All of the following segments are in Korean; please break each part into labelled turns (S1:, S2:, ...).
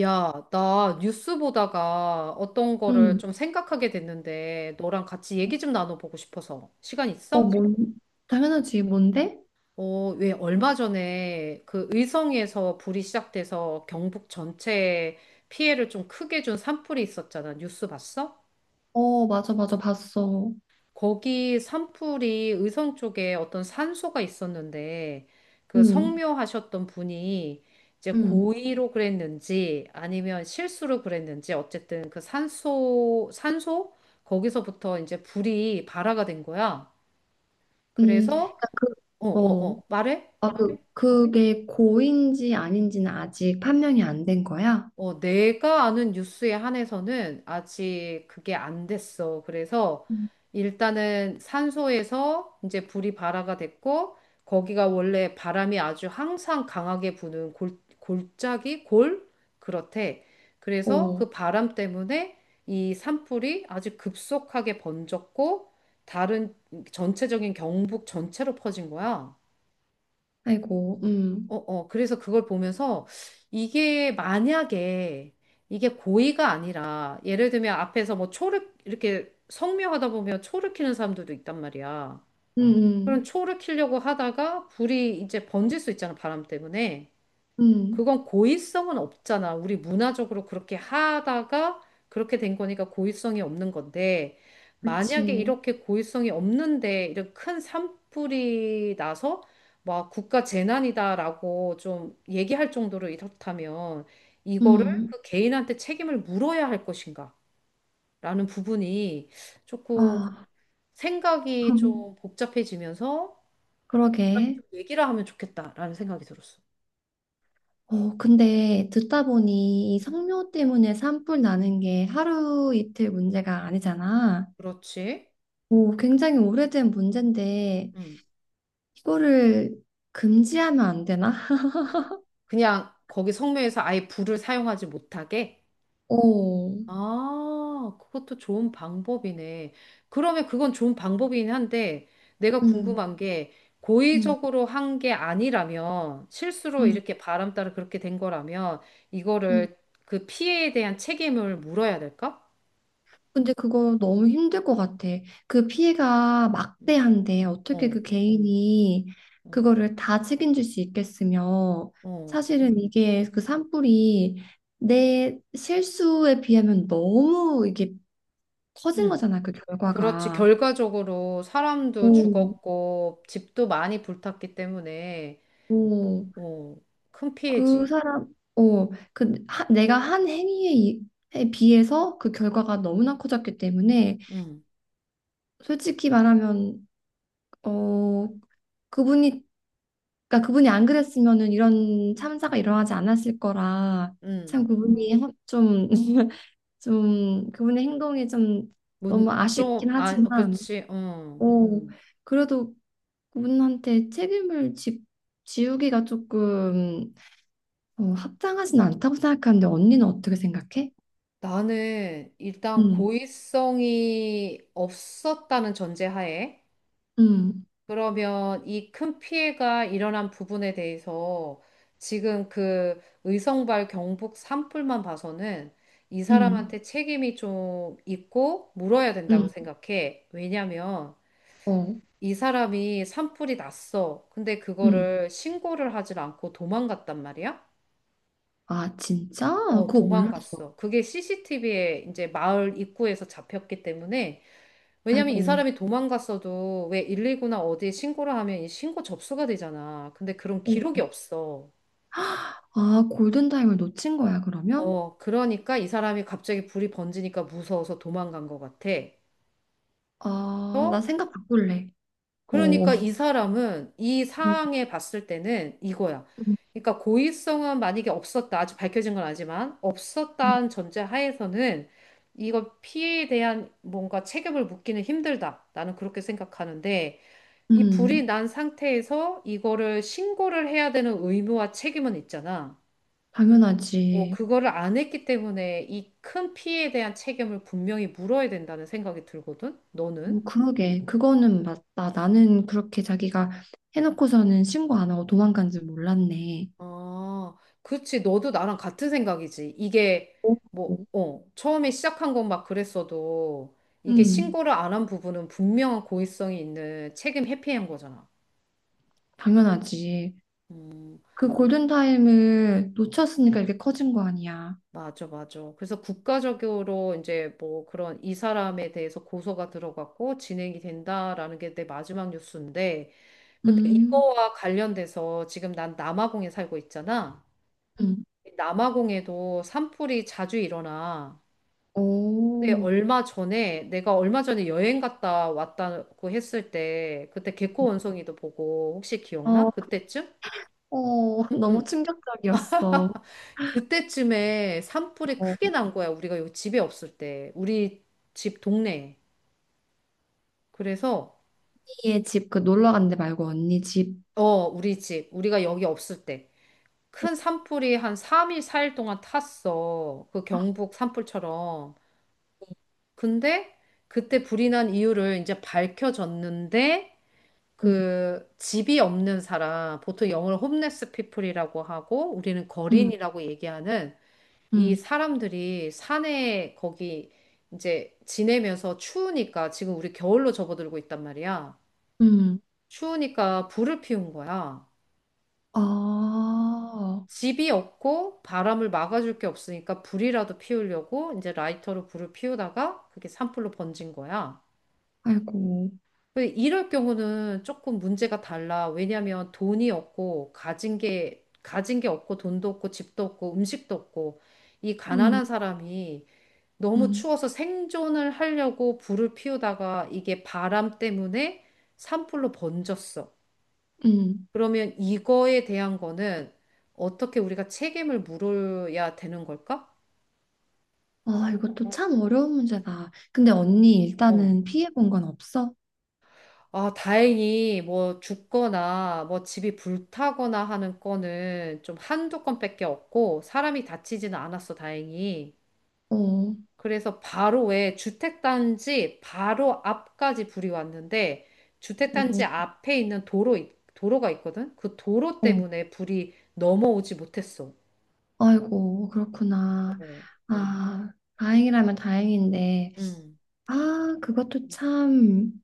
S1: 야, 나 뉴스 보다가 어떤 거를
S2: 응.
S1: 좀 생각하게 됐는데, 너랑 같이 얘기 좀 나눠보고 싶어서. 시간
S2: 어,
S1: 있어?
S2: 뭔? 당연하지. 뭔데?
S1: 어, 왜 얼마 전에 그 의성에서 불이 시작돼서 경북 전체에 피해를 좀 크게 준 산불이 있었잖아. 뉴스 봤어?
S2: 어, 맞아, 맞아. 봤어.
S1: 거기 산불이 의성 쪽에 어떤 산소가 있었는데 그
S2: 응,
S1: 성묘하셨던 분이 이제
S2: 응,
S1: 고의로 그랬는지 아니면 실수로 그랬는지 어쨌든 그 산소 거기서부터 이제 불이 발화가 된 거야.
S2: 응.
S1: 그래서
S2: 그러니까
S1: 어 어
S2: 어,
S1: 어 말해?
S2: 그게 고인지 아닌지는 아직 판명이 안 된 거야?
S1: 어, 내가 아는 뉴스에 한해서는 아직 그게 안 됐어. 그래서
S2: 음.
S1: 일단은 산소에서 이제 불이 발화가 됐고, 거기가 원래 바람이 아주 항상 강하게 부는 골, 골짜기? 골? 그렇대. 그래서
S2: 오,
S1: 그 바람 때문에 이 산불이 아주 급속하게 번졌고, 다른 전체적인 경북 전체로 퍼진 거야.
S2: 아이고, 응,
S1: 어, 어, 그래서 그걸 보면서 이게 만약에 이게 고의가 아니라 예를 들면 앞에서 뭐 초를 이렇게 성묘하다 보면 초를 키는 사람들도 있단 말이야.
S2: 응,
S1: 그럼
S2: 응,
S1: 초를 키려고 하다가 불이 이제 번질 수 있잖아, 바람 때문에.
S2: 응.
S1: 그건 고의성은 없잖아. 우리 문화적으로 그렇게 하다가 그렇게 된 거니까 고의성이 없는 건데, 만약에
S2: 그치,
S1: 이렇게 고의성이 없는데, 이런 큰 산불이 나서, 막 국가 재난이다라고 좀 얘기할 정도로 이렇다면, 이거를
S2: 응.
S1: 그 개인한테 책임을 물어야 할 것인가? 라는 부분이 조금
S2: 아,
S1: 생각이 좀 복잡해지면서, 좀
S2: 그러게.
S1: 얘기를 하면 좋겠다라는 생각이 들었어.
S2: 어, 근데 듣다 보니 이
S1: 음.
S2: 성묘 때문에 산불 나는 게 하루 이틀 문제가 아니잖아.
S1: 그렇지.
S2: 오, 굉장히 오래된 문제인데
S1: 음.
S2: 이거를 금지하면 안 되나?
S1: 그냥 거기 성묘에서 아예 불을 사용하지 못하게?
S2: 오,
S1: 아, 그것도 좋은 방법이네. 그러면 그건 좋은 방법이긴 한데, 내가
S2: 음,
S1: 궁금한 게,
S2: 음,
S1: 고의적으로 한 게 아니라면, 실수로
S2: 음,
S1: 이렇게 바람 따라 그렇게 된 거라면,
S2: 음.
S1: 이거를 그 피해에 대한 책임을 물어야 될까?
S2: 근데 그거 너무 힘들 것 같아. 그 피해가
S1: 음,
S2: 막대한데 어떻게
S1: 어,
S2: 그 개인이
S1: 어,
S2: 그거를 다 책임질 수 있겠으며
S1: 어.
S2: 사실은 이게 그 산불이 내 실수에 비하면 너무 이게 커진
S1: 응.
S2: 거잖아, 그
S1: 그렇지.
S2: 결과가.
S1: 결과적으로 사람도
S2: 오,
S1: 죽었고, 집도 많이 불탔기 때문에, 뭐,
S2: 오.
S1: 어, 큰
S2: 그
S1: 피해지.
S2: 사람, 어, 그 하- 내가 한 행위에 에 비해서 그 결과가 너무나 커졌기 때문에
S1: 응,
S2: 솔직히 말하면 어 그분이 그러니까 그분이 안 그랬으면은 이런 참사가 일어나지 않았을 거라
S1: 응.
S2: 좀 좀 그분의 행동이 좀 너무 아쉽긴
S1: 좀, 아, 어,
S2: 하지만
S1: 그렇지, 응.
S2: 오 그래도 그분한테 책임을 지우기가 조금 합당하진 않다고 생각하는데 언니는 어떻게 생각해?
S1: 나는 일단
S2: 음.
S1: 고의성이 없었다는 전제하에,
S2: 응,
S1: 그러면 이 큰 피해가 일어난 부분에 대해서 지금 그 의성발 경북 산불만 봐서는 이
S2: 응,
S1: 사람한테 책임이 좀 있고 물어야 된다고
S2: 응.
S1: 생각해. 왜냐면
S2: 응, 어,
S1: 이 사람이 산불이 났어. 근데
S2: 응.
S1: 그거를 신고를 하질 않고 도망갔단 말이야?
S2: 아, 진짜?
S1: 어,
S2: 그거 몰랐어.
S1: 도망갔어. 그게 CCTV에 이제 마을 입구에서 잡혔기 때문에, 왜냐면 이
S2: 아이고.
S1: 사람이 도망갔어도 왜 119나 어디에 신고를 하면 이 신고 접수가 되잖아. 근데 그런
S2: 어.
S1: 기록이 없어.
S2: 아, 골든타임을 놓친 거야, 그러면?
S1: 어, 그러니까 이 사람이 갑자기 불이 번지니까 무서워서 도망간 것 같아.
S2: 아, 나 생각 바꿀래. 어,
S1: 그러니까 이 사람은 이
S2: 음,
S1: 상황에 봤을 때는 이거야.
S2: 음,
S1: 그러니까 고의성은 만약에 없었다. 아직 밝혀진 건 아니지만
S2: 음.
S1: 없었다는 전제 하에서는 이거 피해에 대한 뭔가 책임을 묻기는 힘들다. 나는 그렇게 생각하는데 이 불이
S2: 음,
S1: 난 상태에서 이거를 신고를 해야 되는 의무와 책임은 있잖아. 뭐
S2: 당연하지.
S1: 그거를 안 했기 때문에 이 큰 피해에 대한 책임을 분명히 물어야 된다는 생각이 들거든. 너는?
S2: 뭐, 그러게. 그거는 맞다. 나는 그렇게 자기가 해놓고서는 신고 안 하고 도망간 줄 몰랐네.
S1: 아, 그치. 너도 나랑 같은 생각이지. 이게
S2: 오,
S1: 뭐, 어, 처음에 시작한 건 막 그랬어도 이게
S2: 음,
S1: 신고를 안 한 부분은 분명한 고의성이 있는 책임 회피한 거잖아.
S2: 당연하지.
S1: 음,
S2: 그 골든타임을 놓쳤으니까 이렇게 커진 거 아니야.
S1: 맞아, 맞아. 그래서 국가적으로 이제 뭐 그런 이 사람에 대해서 고소가 들어갔고 진행이 된다라는 게 내 마지막 뉴스인데, 근데
S2: 음,
S1: 이거와 관련돼서 지금 난 남아공에 살고 있잖아.
S2: 음.
S1: 남아공에도 산불이 자주 일어나. 그때
S2: 오,
S1: 얼마 전에 내가 얼마 전에 여행 갔다 왔다고 했을 때 그때 개코 원숭이도 보고 혹시
S2: 어, 어,
S1: 기억나? 그때쯤?
S2: 너무 충격적이었어.
S1: 그때쯤에 산불이
S2: 어,
S1: 크게 난 거야. 우리가 여기 집에 없을 때. 우리 집 동네에. 그래서
S2: 언니의 집 그 놀러 간데 말고 언니 집.
S1: 어, 우리 집. 우리가 여기 없을 때. 큰 산불이 한 3일, 4일 동안 탔어. 그 경북 산불처럼. 근데 그때 불이 난 이유를 이제 밝혀졌는데
S2: 응,
S1: 그 집이 없는 사람, 보통 영어로 홈레스 피플이라고 하고 우리는
S2: 응,
S1: 거린이라고 얘기하는 이
S2: 응,
S1: 사람들이 산에 거기 이제 지내면서 추우니까 지금 우리 겨울로 접어들고 있단 말이야.
S2: 응.
S1: 추우니까 불을 피운 거야.
S2: 아,
S1: 집이 없고 바람을 막아줄 게 없으니까 불이라도 피우려고 이제 라이터로 불을 피우다가 그게 산불로 번진 거야.
S2: 아이고.
S1: 그 이럴 경우는 조금 문제가 달라. 왜냐하면 돈이 없고 가진 게 없고 돈도 없고 집도 없고 음식도 없고 이 가난한
S2: 응,
S1: 사람이 너무
S2: 응,
S1: 추워서 생존을 하려고 불을 피우다가 이게 바람 때문에 산불로 번졌어.
S2: 응.
S1: 그러면 이거에 대한 거는 어떻게 우리가 책임을 물어야 되는 걸까?
S2: 아, 이것도 참 어려운 문제다. 근데 언니
S1: 어.
S2: 일단은 피해 본 건 없어?
S1: 아, 다행히 뭐 죽거나 뭐 집이 불타거나 하는 건은 좀 한두 건밖에 없고 사람이 다치지는 않았어, 다행히.
S2: 어,
S1: 그래서 바로 왜 주택단지 바로 앞까지 불이 왔는데
S2: 음,
S1: 주택단지 앞에 있는 도로, 도로가 있거든? 그 도로
S2: 음.
S1: 때문에 불이 넘어오지 못했어.
S2: 아이고, 그렇구나.
S1: 어.
S2: 아, 다행이라면 다행인데.
S1: 음.
S2: 아, 그것도 참.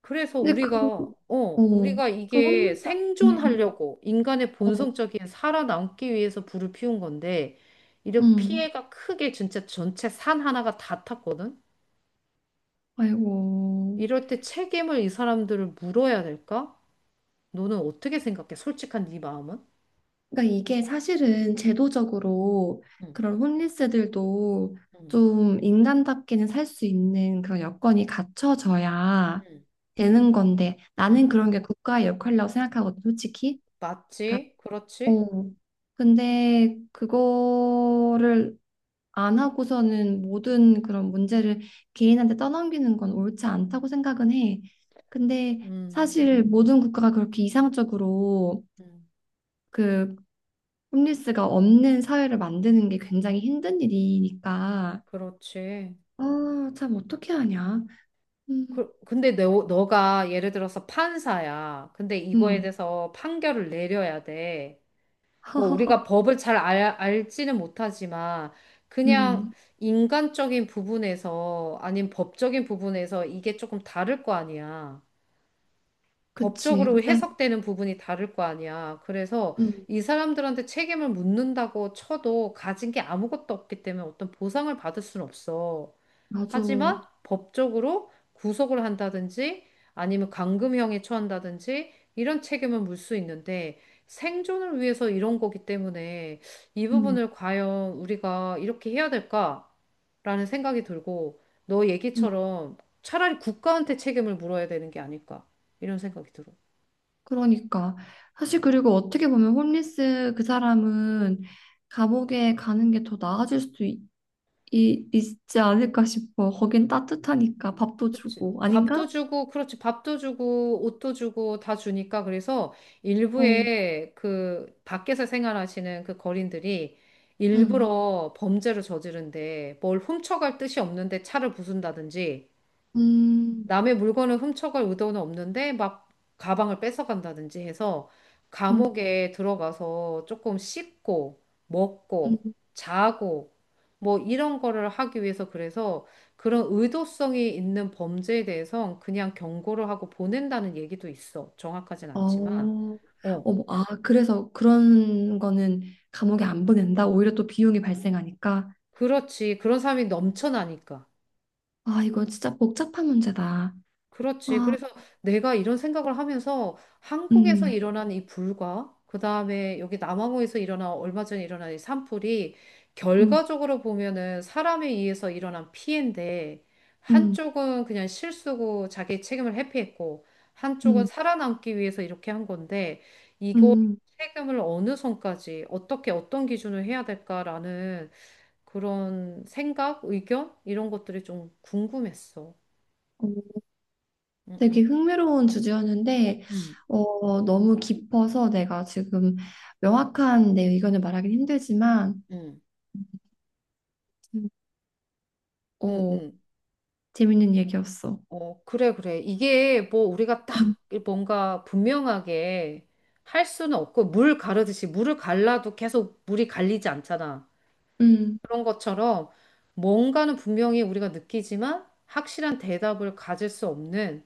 S1: 그래서
S2: 근데 그,
S1: 우리가, 어,
S2: 어,
S1: 우리가
S2: 그
S1: 이게
S2: 홈리스 아니에요.
S1: 생존하려고 인간의
S2: 어,
S1: 본성적인 살아남기 위해서 불을 피운 건데, 이렇게
S2: 음.
S1: 피해가 크게 진짜 전체 산 하나가 다 탔거든?
S2: 아이고.
S1: 이럴 때 책임을 이 사람들을 물어야 될까? 너는 어떻게 생각해? 솔직한 네 마음은?
S2: 그러니까 이게 사실은 제도적으로
S1: 응,
S2: 그런 홈리스들도
S1: 응,
S2: 좀 인간답게는 살 수 있는 그런 여건이 갖춰져야
S1: 응,
S2: 되는 건데, 나는
S1: 응.
S2: 그런 게 국가의 역할이라고 생각하거든, 솔직히. 그러니까,
S1: 맞지? 그렇지?
S2: 어. 근데 그거를 안 하고서는 모든 그런 문제를 개인한테 떠넘기는 건 옳지 않다고 생각은 해. 근데
S1: 음,
S2: 사실 모든 국가가 그렇게 이상적으로
S1: 음,
S2: 그 홈리스가 없는 사회를 만드는 게 굉장히 힘든 일이니까.
S1: 그렇지.
S2: 아, 참 어떻게 하냐. 음,
S1: 근데 너가 예를 들어서 판사야. 근데 이거에
S2: 음,
S1: 대해서 판결을 내려야 돼. 뭐 우리가 법을 잘 알지는 못하지만 그냥
S2: 음,
S1: 인간적인 부분에서 아닌 법적인 부분에서 이게 조금 다를 거 아니야.
S2: 그치.
S1: 법적으로
S2: 근데
S1: 해석되는 부분이 다를 거 아니야. 그래서
S2: 음,
S1: 이 사람들한테 책임을 묻는다고 쳐도 가진 게 아무것도 없기 때문에 어떤 보상을 받을 수는 없어.
S2: 맞아.
S1: 하지만 법적으로 구속을 한다든지 아니면 감금형에 처한다든지 이런 책임을 물 수 있는데 생존을 위해서 이런 거기 때문에 이
S2: 음,
S1: 부분을 과연 우리가 이렇게 해야 될까라는 생각이 들고 너
S2: 음,
S1: 얘기처럼 차라리 국가한테 책임을 물어야 되는 게 아닐까 이런 생각이 들어.
S2: 그러니까 사실 그리고 어떻게 보면 홈리스 그 사람은 감옥에 가는 게 더 나아질 수도 있지 않을까 싶어. 거긴 따뜻하니까 밥도 주고.
S1: 밥도
S2: 아닌가?
S1: 주고, 그렇지, 밥도 주고, 옷도 주고, 다 주니까, 그래서
S2: 어,
S1: 일부의 그 밖에서 생활하시는 그 거린들이
S2: 음,
S1: 일부러 범죄를 저지른데 뭘 훔쳐갈 뜻이 없는데 차를 부순다든지
S2: 음,
S1: 남의 물건을 훔쳐갈 의도는 없는데 막 가방을 뺏어간다든지 해서
S2: 음,
S1: 감옥에 들어가서 조금 씻고 먹고
S2: 음.
S1: 자고 뭐 이런 거를 하기 위해서 그래서 그런 의도성이 있는 범죄에 대해서 그냥 경고를 하고 보낸다는 얘기도 있어. 정확하진 않지만.
S2: 어,
S1: 어,
S2: 어머, 아, 그래서 그런 거는 감옥에 안 보낸다. 오히려 또 비용이 발생하니까.
S1: 그렇지. 그런 사람이 넘쳐나니까.
S2: 아, 이거 진짜 복잡한 문제다.
S1: 그렇지.
S2: 아,
S1: 그래서 내가 이런 생각을 하면서 한국에서
S2: 음.
S1: 일어난 이 불과, 그 다음에 여기 남아공에서 일어난 얼마 전에 일어난 이 산불이
S2: 음,
S1: 결과적으로 보면은 사람에 의해서 일어난 피해인데,
S2: 음,
S1: 한쪽은 그냥 실수고 자기 책임을 회피했고, 한쪽은
S2: 음,
S1: 살아남기 위해서 이렇게 한 건데, 이거
S2: 음.
S1: 책임을 어느 선까지, 어떻게, 어떤 기준을 해야 될까라는 그런 생각, 의견? 이런 것들이 좀 궁금했어.
S2: 어,
S1: 응, 응,
S2: 되게 흥미로운 주제였는데, 어, 너무 깊어서 내가 지금 명확한 내 의견을 말하긴 힘들지만,
S1: 응.
S2: 음.
S1: 응,
S2: 어,
S1: 응.
S2: 재밌는 얘기였어.
S1: 어, 그래, 그래. 이게 뭐 우리가 딱
S2: 음,
S1: 뭔가 분명하게 할 수는 없고, 물 가르듯이 물을 갈라도 계속 물이 갈리지 않잖아.
S2: 음,
S1: 그런 것처럼 뭔가는 분명히 우리가 느끼지만 확실한 대답을 가질 수 없는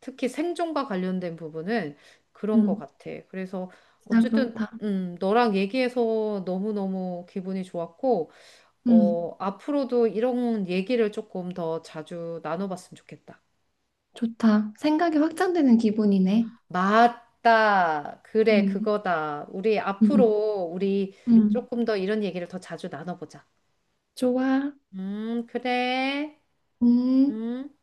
S1: 특히 생존과 관련된 부분은 그런 것
S2: 음,
S1: 같아. 그래서
S2: 진짜
S1: 어쨌든,
S2: 그렇다.
S1: 너랑 얘기해서 너무너무 기분이 좋았고,
S2: 음,
S1: 어, 앞으로도 이런 얘기를 조금 더 자주 나눠봤으면 좋겠다.
S2: 좋다. 생각이 확장되는 기분이네.
S1: 맞다. 그래,
S2: 음,
S1: 그거다. 우리
S2: 음,
S1: 앞으로 우리
S2: 음,
S1: 조금 더 이런 얘기를 더 자주 나눠보자.
S2: 좋아.
S1: 그래.
S2: 음.
S1: 음.